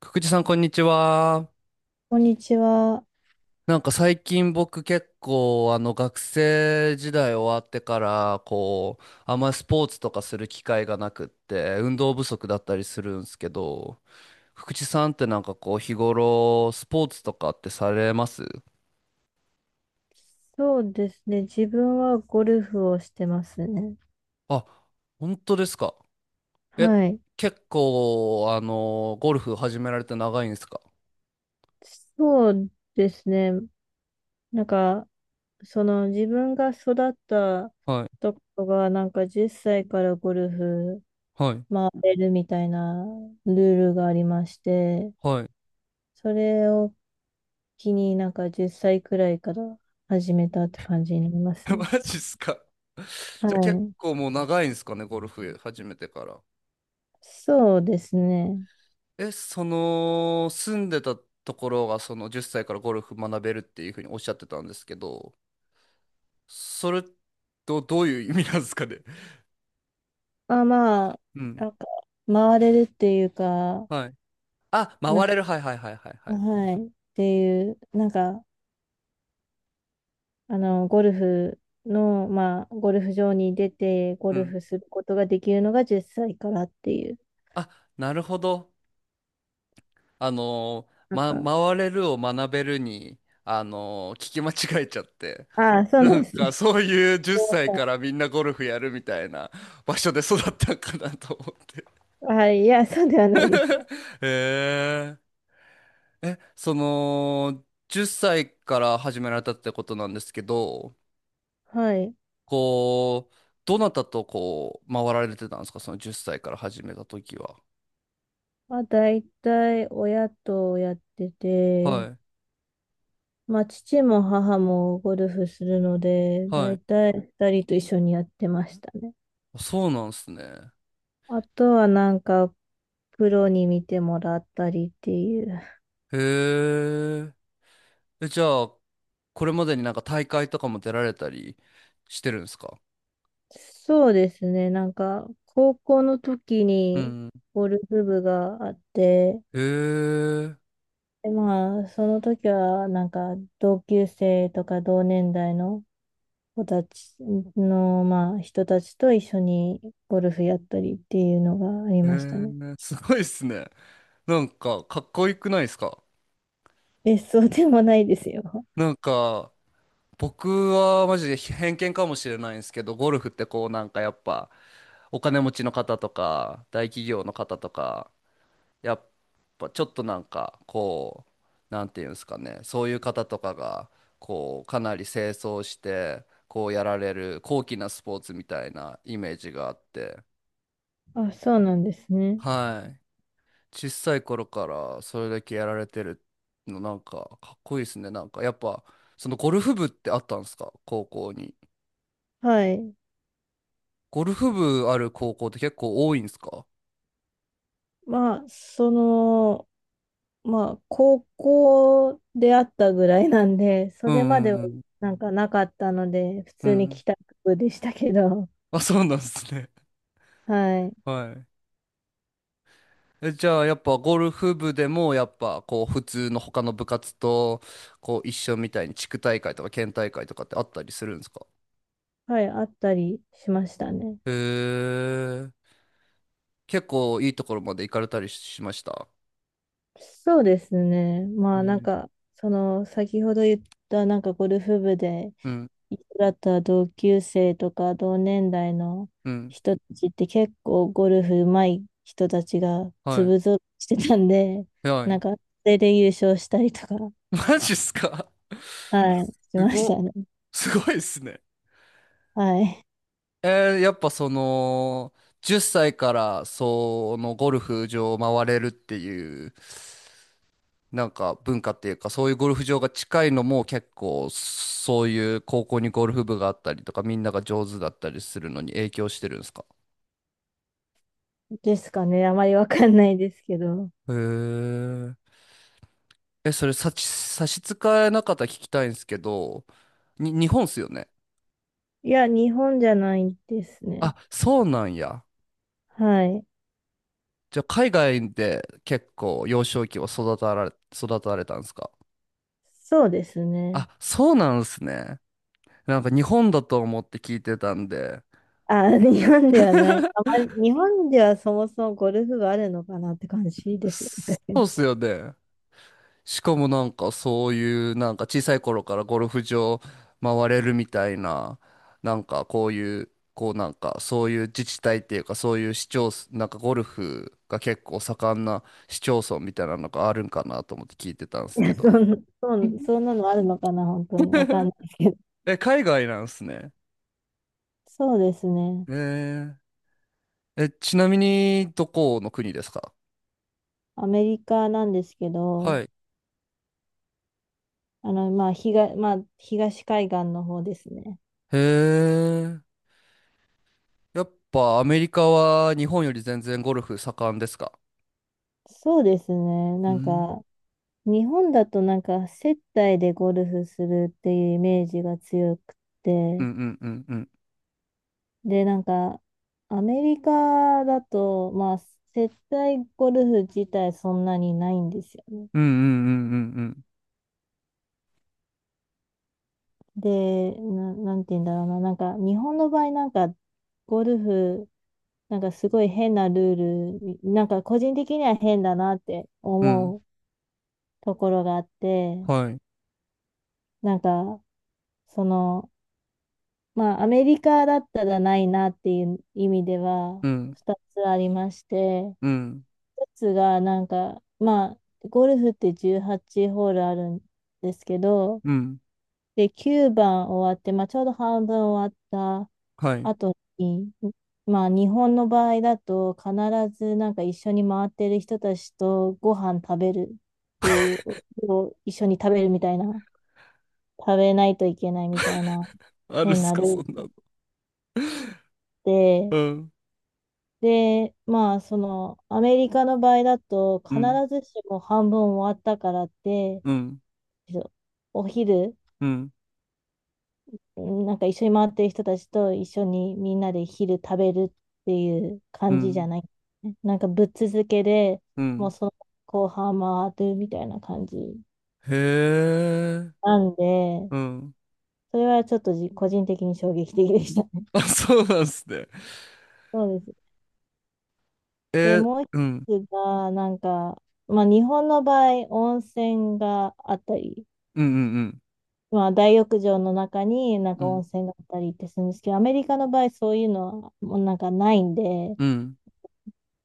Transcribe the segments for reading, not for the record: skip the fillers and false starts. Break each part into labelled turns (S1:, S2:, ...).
S1: くくじさん、こんにちは。
S2: こんにちは。
S1: なんか最近僕結構学生時代終わってからこうあんまりスポーツとかする機会がなくって運動不足だったりするんですけど、福地さんってなんかこう日頃スポーツとかってされます？
S2: そうですね。自分はゴルフをしてますね。
S1: あ、本当ですか。え、
S2: はい。
S1: 結構ゴルフ始められて長いんですか？
S2: そうですね。なんか、その自分が育った
S1: はい
S2: ところが、10歳からゴルフ
S1: はい
S2: 回れるみたいなルールがありまして、
S1: はい。
S2: それを機に10歳くらいから始めたって感じになりますね。
S1: マジっすか。
S2: は
S1: じゃあ結
S2: い。
S1: 構もう長いんですかね、ゴルフ始めてから。
S2: そうですね。
S1: え、その、住んでたところが、その10歳からゴルフ学べるっていうふうにおっしゃってたんですけど、それとどういう意味なんですかね。
S2: あ、まあ、
S1: うん。
S2: なんか、回れるっていうか、
S1: はい。あ、
S2: な、
S1: 回れる。はいはいはいはいはい。
S2: はい。っていう、ゴルフの、ゴルフ場に出て、ゴ
S1: う
S2: ル
S1: ん。
S2: フすることができるのが10歳からっていう、
S1: あ、なるほど。あの
S2: なん
S1: ー、
S2: か、
S1: ま、回れるを学べるに、聞き間違えちゃって。
S2: ああ、そう
S1: な
S2: なん
S1: ん
S2: ですね。
S1: か、
S2: すい
S1: そういう10歳
S2: ま
S1: からみんなゴルフやるみたいな場所で育ったんかなと思って。
S2: せんはい、いや、そうではないですよ。
S1: へええ、その、10歳から始められたってことなんですけど、
S2: はい。
S1: こう、どなたとこう、回られてたんですか、その10歳から始めた時は。
S2: まあ、大体、親とやって
S1: は
S2: て、
S1: い。
S2: まあ、父も母もゴルフするので、
S1: はい。
S2: 大体二人と一緒にやってましたね。
S1: そうなんですね。
S2: あとは、なんか、プロに見てもらったりっていう、
S1: へえ。え、じゃあ、これまでになんか大会とかも出られたりしてるんですか？
S2: そうですね。なんか、高校の時
S1: う
S2: に
S1: ん。
S2: ゴルフ部があって、
S1: へえ。
S2: で、まあ、その時は、なんか、同級生とか同年代の子たちの、まあ、人たちと一緒にゴルフやったりっていうのがあり
S1: へ
S2: ましたね。
S1: え。すごいっすね。なんか、かっこよくないですか？
S2: 別荘でもないですよ。
S1: なんか、僕はマジで偏見かもしれないんですけど、ゴルフってこうなんかやっぱお金持ちの方とか大企業の方とか、やっぱちょっとなんかこう、なんていうんですかね、そういう方とかがこうかなり清掃してこうやられる高貴なスポーツみたいなイメージがあって、
S2: あ、そうなんですね。
S1: はい。小さい頃からそれだけやられてるのなんかかっこいいですね。なんかやっぱそのゴルフ部ってあったんですか、高校に。
S2: はい。
S1: ゴルフ部ある高校って結構多いんですか？
S2: まあ、その、まあ、高校であったぐらいなんで、そ
S1: う
S2: れ
S1: ん
S2: までは
S1: うんうん。
S2: なんかなかったので、普
S1: う
S2: 通に
S1: ん。
S2: 帰宅部でしたけど、
S1: あ、そうなんですね。
S2: は い。
S1: はい。え、じゃあ、やっぱゴルフ部でも、やっぱ、こう、普通の他の部活と、こう、一緒みたいに地区大会とか県大会とかってあったりするんですか？
S2: はい、あったりしましたね。
S1: へえ。結構いいところまで行かれたりしました。
S2: そうですね。
S1: うん
S2: 先ほど言った、なんかゴルフ部で
S1: うん、
S2: 一緒だった同級生とか同年代の
S1: うん。
S2: 人たちって結構ゴルフ上手い人たちが
S1: は
S2: 粒ぞろいしてたんで、
S1: い。は
S2: なん
S1: い。
S2: か、それで優勝したりとか、
S1: マジっすか
S2: はい、し
S1: す
S2: まし
S1: ご、
S2: たね。
S1: すごいっすね。
S2: はい。
S1: やっぱその、10歳からそのゴルフ場を回れるっていう、なんか文化っていうか、そういうゴルフ場が近いのも結構、そういう高校にゴルフ部があったりとか、みんなが上手だったりするのに影響してるんですか？
S2: ですかね。あまりわかんないですけど。
S1: へえ。え、それ差し支えなかったら聞きたいんですけど、日本っすよね。
S2: いや、日本じゃないです
S1: あ、
S2: ね。
S1: そうなんや。
S2: はい。
S1: じゃあ海外で結構幼少期を育たれたんですか？
S2: そうですね。
S1: あ、そうなんですね。なんか日本だと思って聞いてたんで、
S2: あ、日本ではない。あまり、日本ではそもそもゴルフがあるのかなって感じですよね。
S1: そ
S2: 確か
S1: うっ
S2: に。
S1: すよね。しかもなんかそういうなんか小さい頃からゴルフ場回れるみたいな、なんかこういう、こうなんかそういう自治体っていうかそういう市町村、なんかゴルフが結構盛んな市町村みたいなのがあるんかなと思って聞いてたんです
S2: い
S1: け
S2: や、
S1: ど。
S2: そんなのあるのかな、本当に。わかん ないですけど。
S1: え、海外なんすね。
S2: そうですね。
S1: ええ、ちなみにどこの国ですか？
S2: アメリカなんですけ
S1: は
S2: ど、
S1: い。
S2: まあ、東海岸の方ですね。
S1: へえ。やっぱアメリカは日本より全然ゴルフ盛んですか？
S2: そうですね。
S1: う
S2: なん
S1: ん。
S2: か、日本だとなんか接待でゴルフするっていうイメージが強くっ
S1: うん
S2: て、
S1: うんうんうん。
S2: で、なんかアメリカだとまあ、接待ゴルフ自体そんなにないんですよね。
S1: うんうんうんうん
S2: で、なんて言うんだろうな、なんか日本の場合ゴルフ、なんかすごい変なルール、なんか個人的には変だなって
S1: うんうん。
S2: 思うところがあって、
S1: はい。
S2: なんか、その、アメリカだったらないなっていう意味では、
S1: うん
S2: 2つありまして、
S1: うん
S2: 1つが、なんか、まあ、ゴルフって18ホールあるんですけど、
S1: うん
S2: で、9番終わって、まあ、ちょうど半分終わった
S1: はい。
S2: 後に、まあ、日本の場合だと、必ずなんか一緒に回ってる人たちとご飯食べるっていう、を一緒に食べるみたいな、食べないといけないみたいな
S1: あるん
S2: 変
S1: す
S2: な
S1: か、
S2: ルー
S1: そんな
S2: ル
S1: の。う
S2: で、
S1: ん
S2: で、まあ、その、アメリカの場合だと、
S1: う
S2: 必
S1: ん
S2: ずしも半分終わったからって、
S1: うん
S2: お昼、
S1: うん
S2: なんか一緒に回ってる人たちと一緒にみんなで昼食べるっていう
S1: う
S2: 感じじゃ
S1: ん
S2: ない。なんかぶっ続けで、
S1: う
S2: もう
S1: ん、
S2: その後半回るみたいな感じ
S1: へえ。
S2: なんで、
S1: うん。
S2: それはちょっと個人的に衝撃的でしたね。
S1: あ、そうなんすね。
S2: そうです。
S1: え
S2: で、
S1: ー、
S2: もう
S1: うん
S2: 一つが、なんか、まあ日本の場合、温泉があったり、
S1: うんうん
S2: まあ、大浴場の中になん
S1: う
S2: か温
S1: ん
S2: 泉があったりってするんですけど、アメリカの場合そういうのはもうなんかないんで、
S1: うん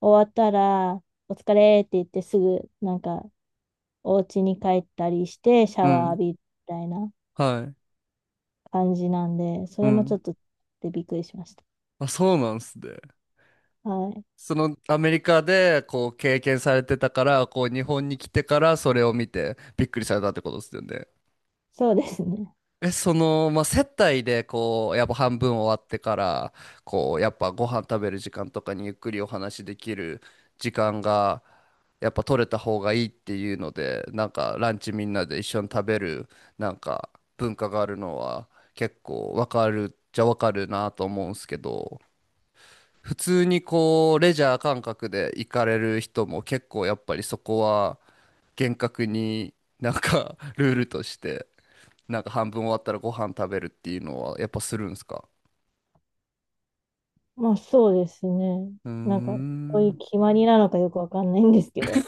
S2: 終わったらお疲れって言ってすぐなんかお家に帰ったりしてシャ
S1: うんう
S2: ワー
S1: ん、
S2: 浴びるみたいな
S1: はい。
S2: 感じなんで、そ
S1: う
S2: れもちょ
S1: ん。
S2: っとびっくりしました。
S1: あ、そうなんすね。
S2: はい。
S1: そのアメリカでこう経験されてたから、こう日本に来てからそれを見てびっくりされたってことですよね。
S2: そうですね。
S1: え、その、まあ、接待でこう、やっぱ半分終わってから、こう、やっぱご飯食べる時間とかにゆっくりお話できる時間が、やっぱ取れた方がいいっていうので、なんかランチみんなで一緒に食べる、なんか文化があるのは結構わかるっちゃわかるなと思うんすけど、普通にこう、レジャー感覚で行かれる人も結構やっぱりそこは厳格になんか ルールとして、なんか半分終わったらご飯食べるっていうのはやっぱするんですか？
S2: まあそうですね。
S1: うー
S2: なんかそうい
S1: ん。
S2: う決まりなのかよくわかんないんですけど。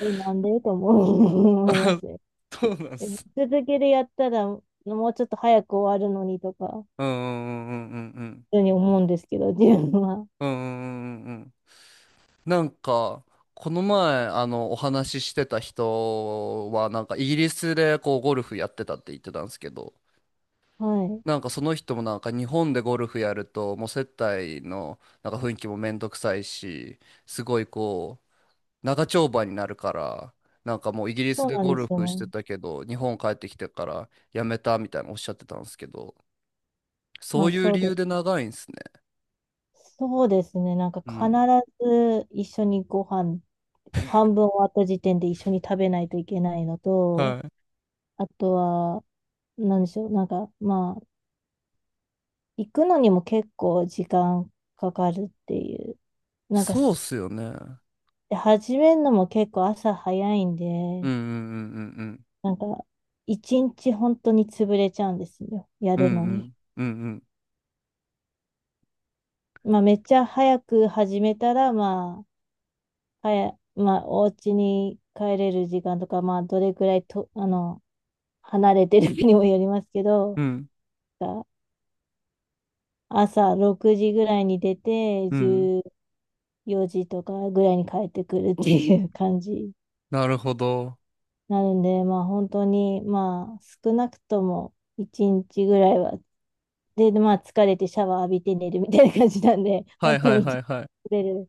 S2: え、なんでと思いますね。
S1: そうなん
S2: え、
S1: す。
S2: 続けてやったら、もうちょっと早く終わるのにとか、
S1: うんうんうんうんうん。
S2: 普通に思うんですけど、自分は。
S1: うんうんうんうん。なんか、この前、お話ししてた人は、なんかイギリスでこう、ゴルフやってたって言ってたんですけど、
S2: はい。
S1: なんかその人もなんか日本でゴルフやるともう接待のなんか雰囲気もめんどくさいし、すごいこう長丁場になるから、なんかもうイギリス
S2: そう
S1: で
S2: なん
S1: ゴ
S2: です
S1: ル
S2: よ
S1: フして
S2: ね。
S1: たけど日本帰ってきてからやめたみたいなおっしゃってたんですけど、
S2: ま
S1: そう
S2: あ、
S1: いう
S2: そう
S1: 理
S2: で
S1: 由で長いんですね。
S2: す。そうですね。なんか
S1: う
S2: 必
S1: ん。
S2: ず一緒にご飯、半分終わった時点で一緒に食べないといけないのと、
S1: はい。
S2: あとは、なんでしょう。なんか、まあ、行くのにも結構時間かかるっていう。なんか、
S1: そうっすよね。うん
S2: で、始めるのも結構朝早いん
S1: う
S2: で、
S1: んうんうん
S2: なんか、一日本当に潰れちゃうんですよ。や
S1: うん
S2: るのに。
S1: うんうん
S2: まあ、めっちゃ早く始めたら、まあ、お家に帰れる時間とか、まあ、どれくらいと、あの、離れてるかにもよりますけ
S1: う
S2: ど、
S1: んうんうん
S2: が朝6時ぐらいに出て、
S1: うん、
S2: 14時とかぐらいに帰ってくるっていう感じに
S1: なるほど。
S2: なるんで、まあ、本当に、まあ、少なくとも1日ぐらいはで、まあ、疲れてシャワー浴びて寝るみたいな感じなんで、
S1: は
S2: 本
S1: い
S2: 当
S1: はい
S2: に一
S1: は
S2: 日
S1: いはい。
S2: 疲れる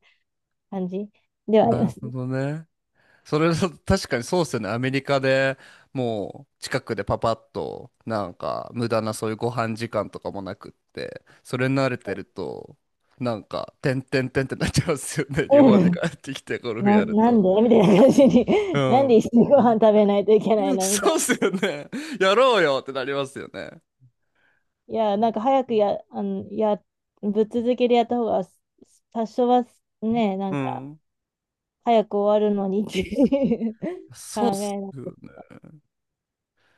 S2: 感じではあり
S1: な
S2: ま
S1: る
S2: す
S1: ほ
S2: ね。
S1: どね。それだ確かにそうっすよね。アメリカでもう近くでパパッとなんか無駄なそういうご飯時間とかもなくって、それに慣れてるとなんかてんてんてんってなっちゃうんですよね。日本
S2: う
S1: に
S2: ん。
S1: 帰ってきてゴ ルフやる
S2: なん
S1: と。
S2: でみたいな感じに、
S1: う
S2: なんで
S1: ん。
S2: 一緒にご飯食べないといけないのみたい
S1: そう
S2: な。
S1: っすよね。やろうよってなりますよね。
S2: いや、なんか早くや、あの、や、ぶっ続けでやった方が、多少はね、な
S1: う
S2: んか、
S1: ん。
S2: 早く終わるのにっていう 考
S1: そうっす。
S2: えなんですけど。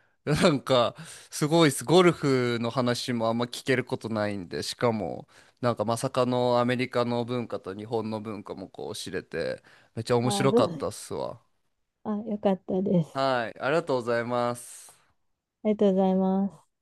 S1: なんか、すごいです。ゴルフの話もあんま聞けることないんで、しかも、なんかまさかのアメリカの文化と日本の文化もこう知れて、めっちゃ面
S2: あ、
S1: 白かったっすわ。
S2: あ、よかったです。
S1: はい、ありがとうございます。
S2: ありがとうございます。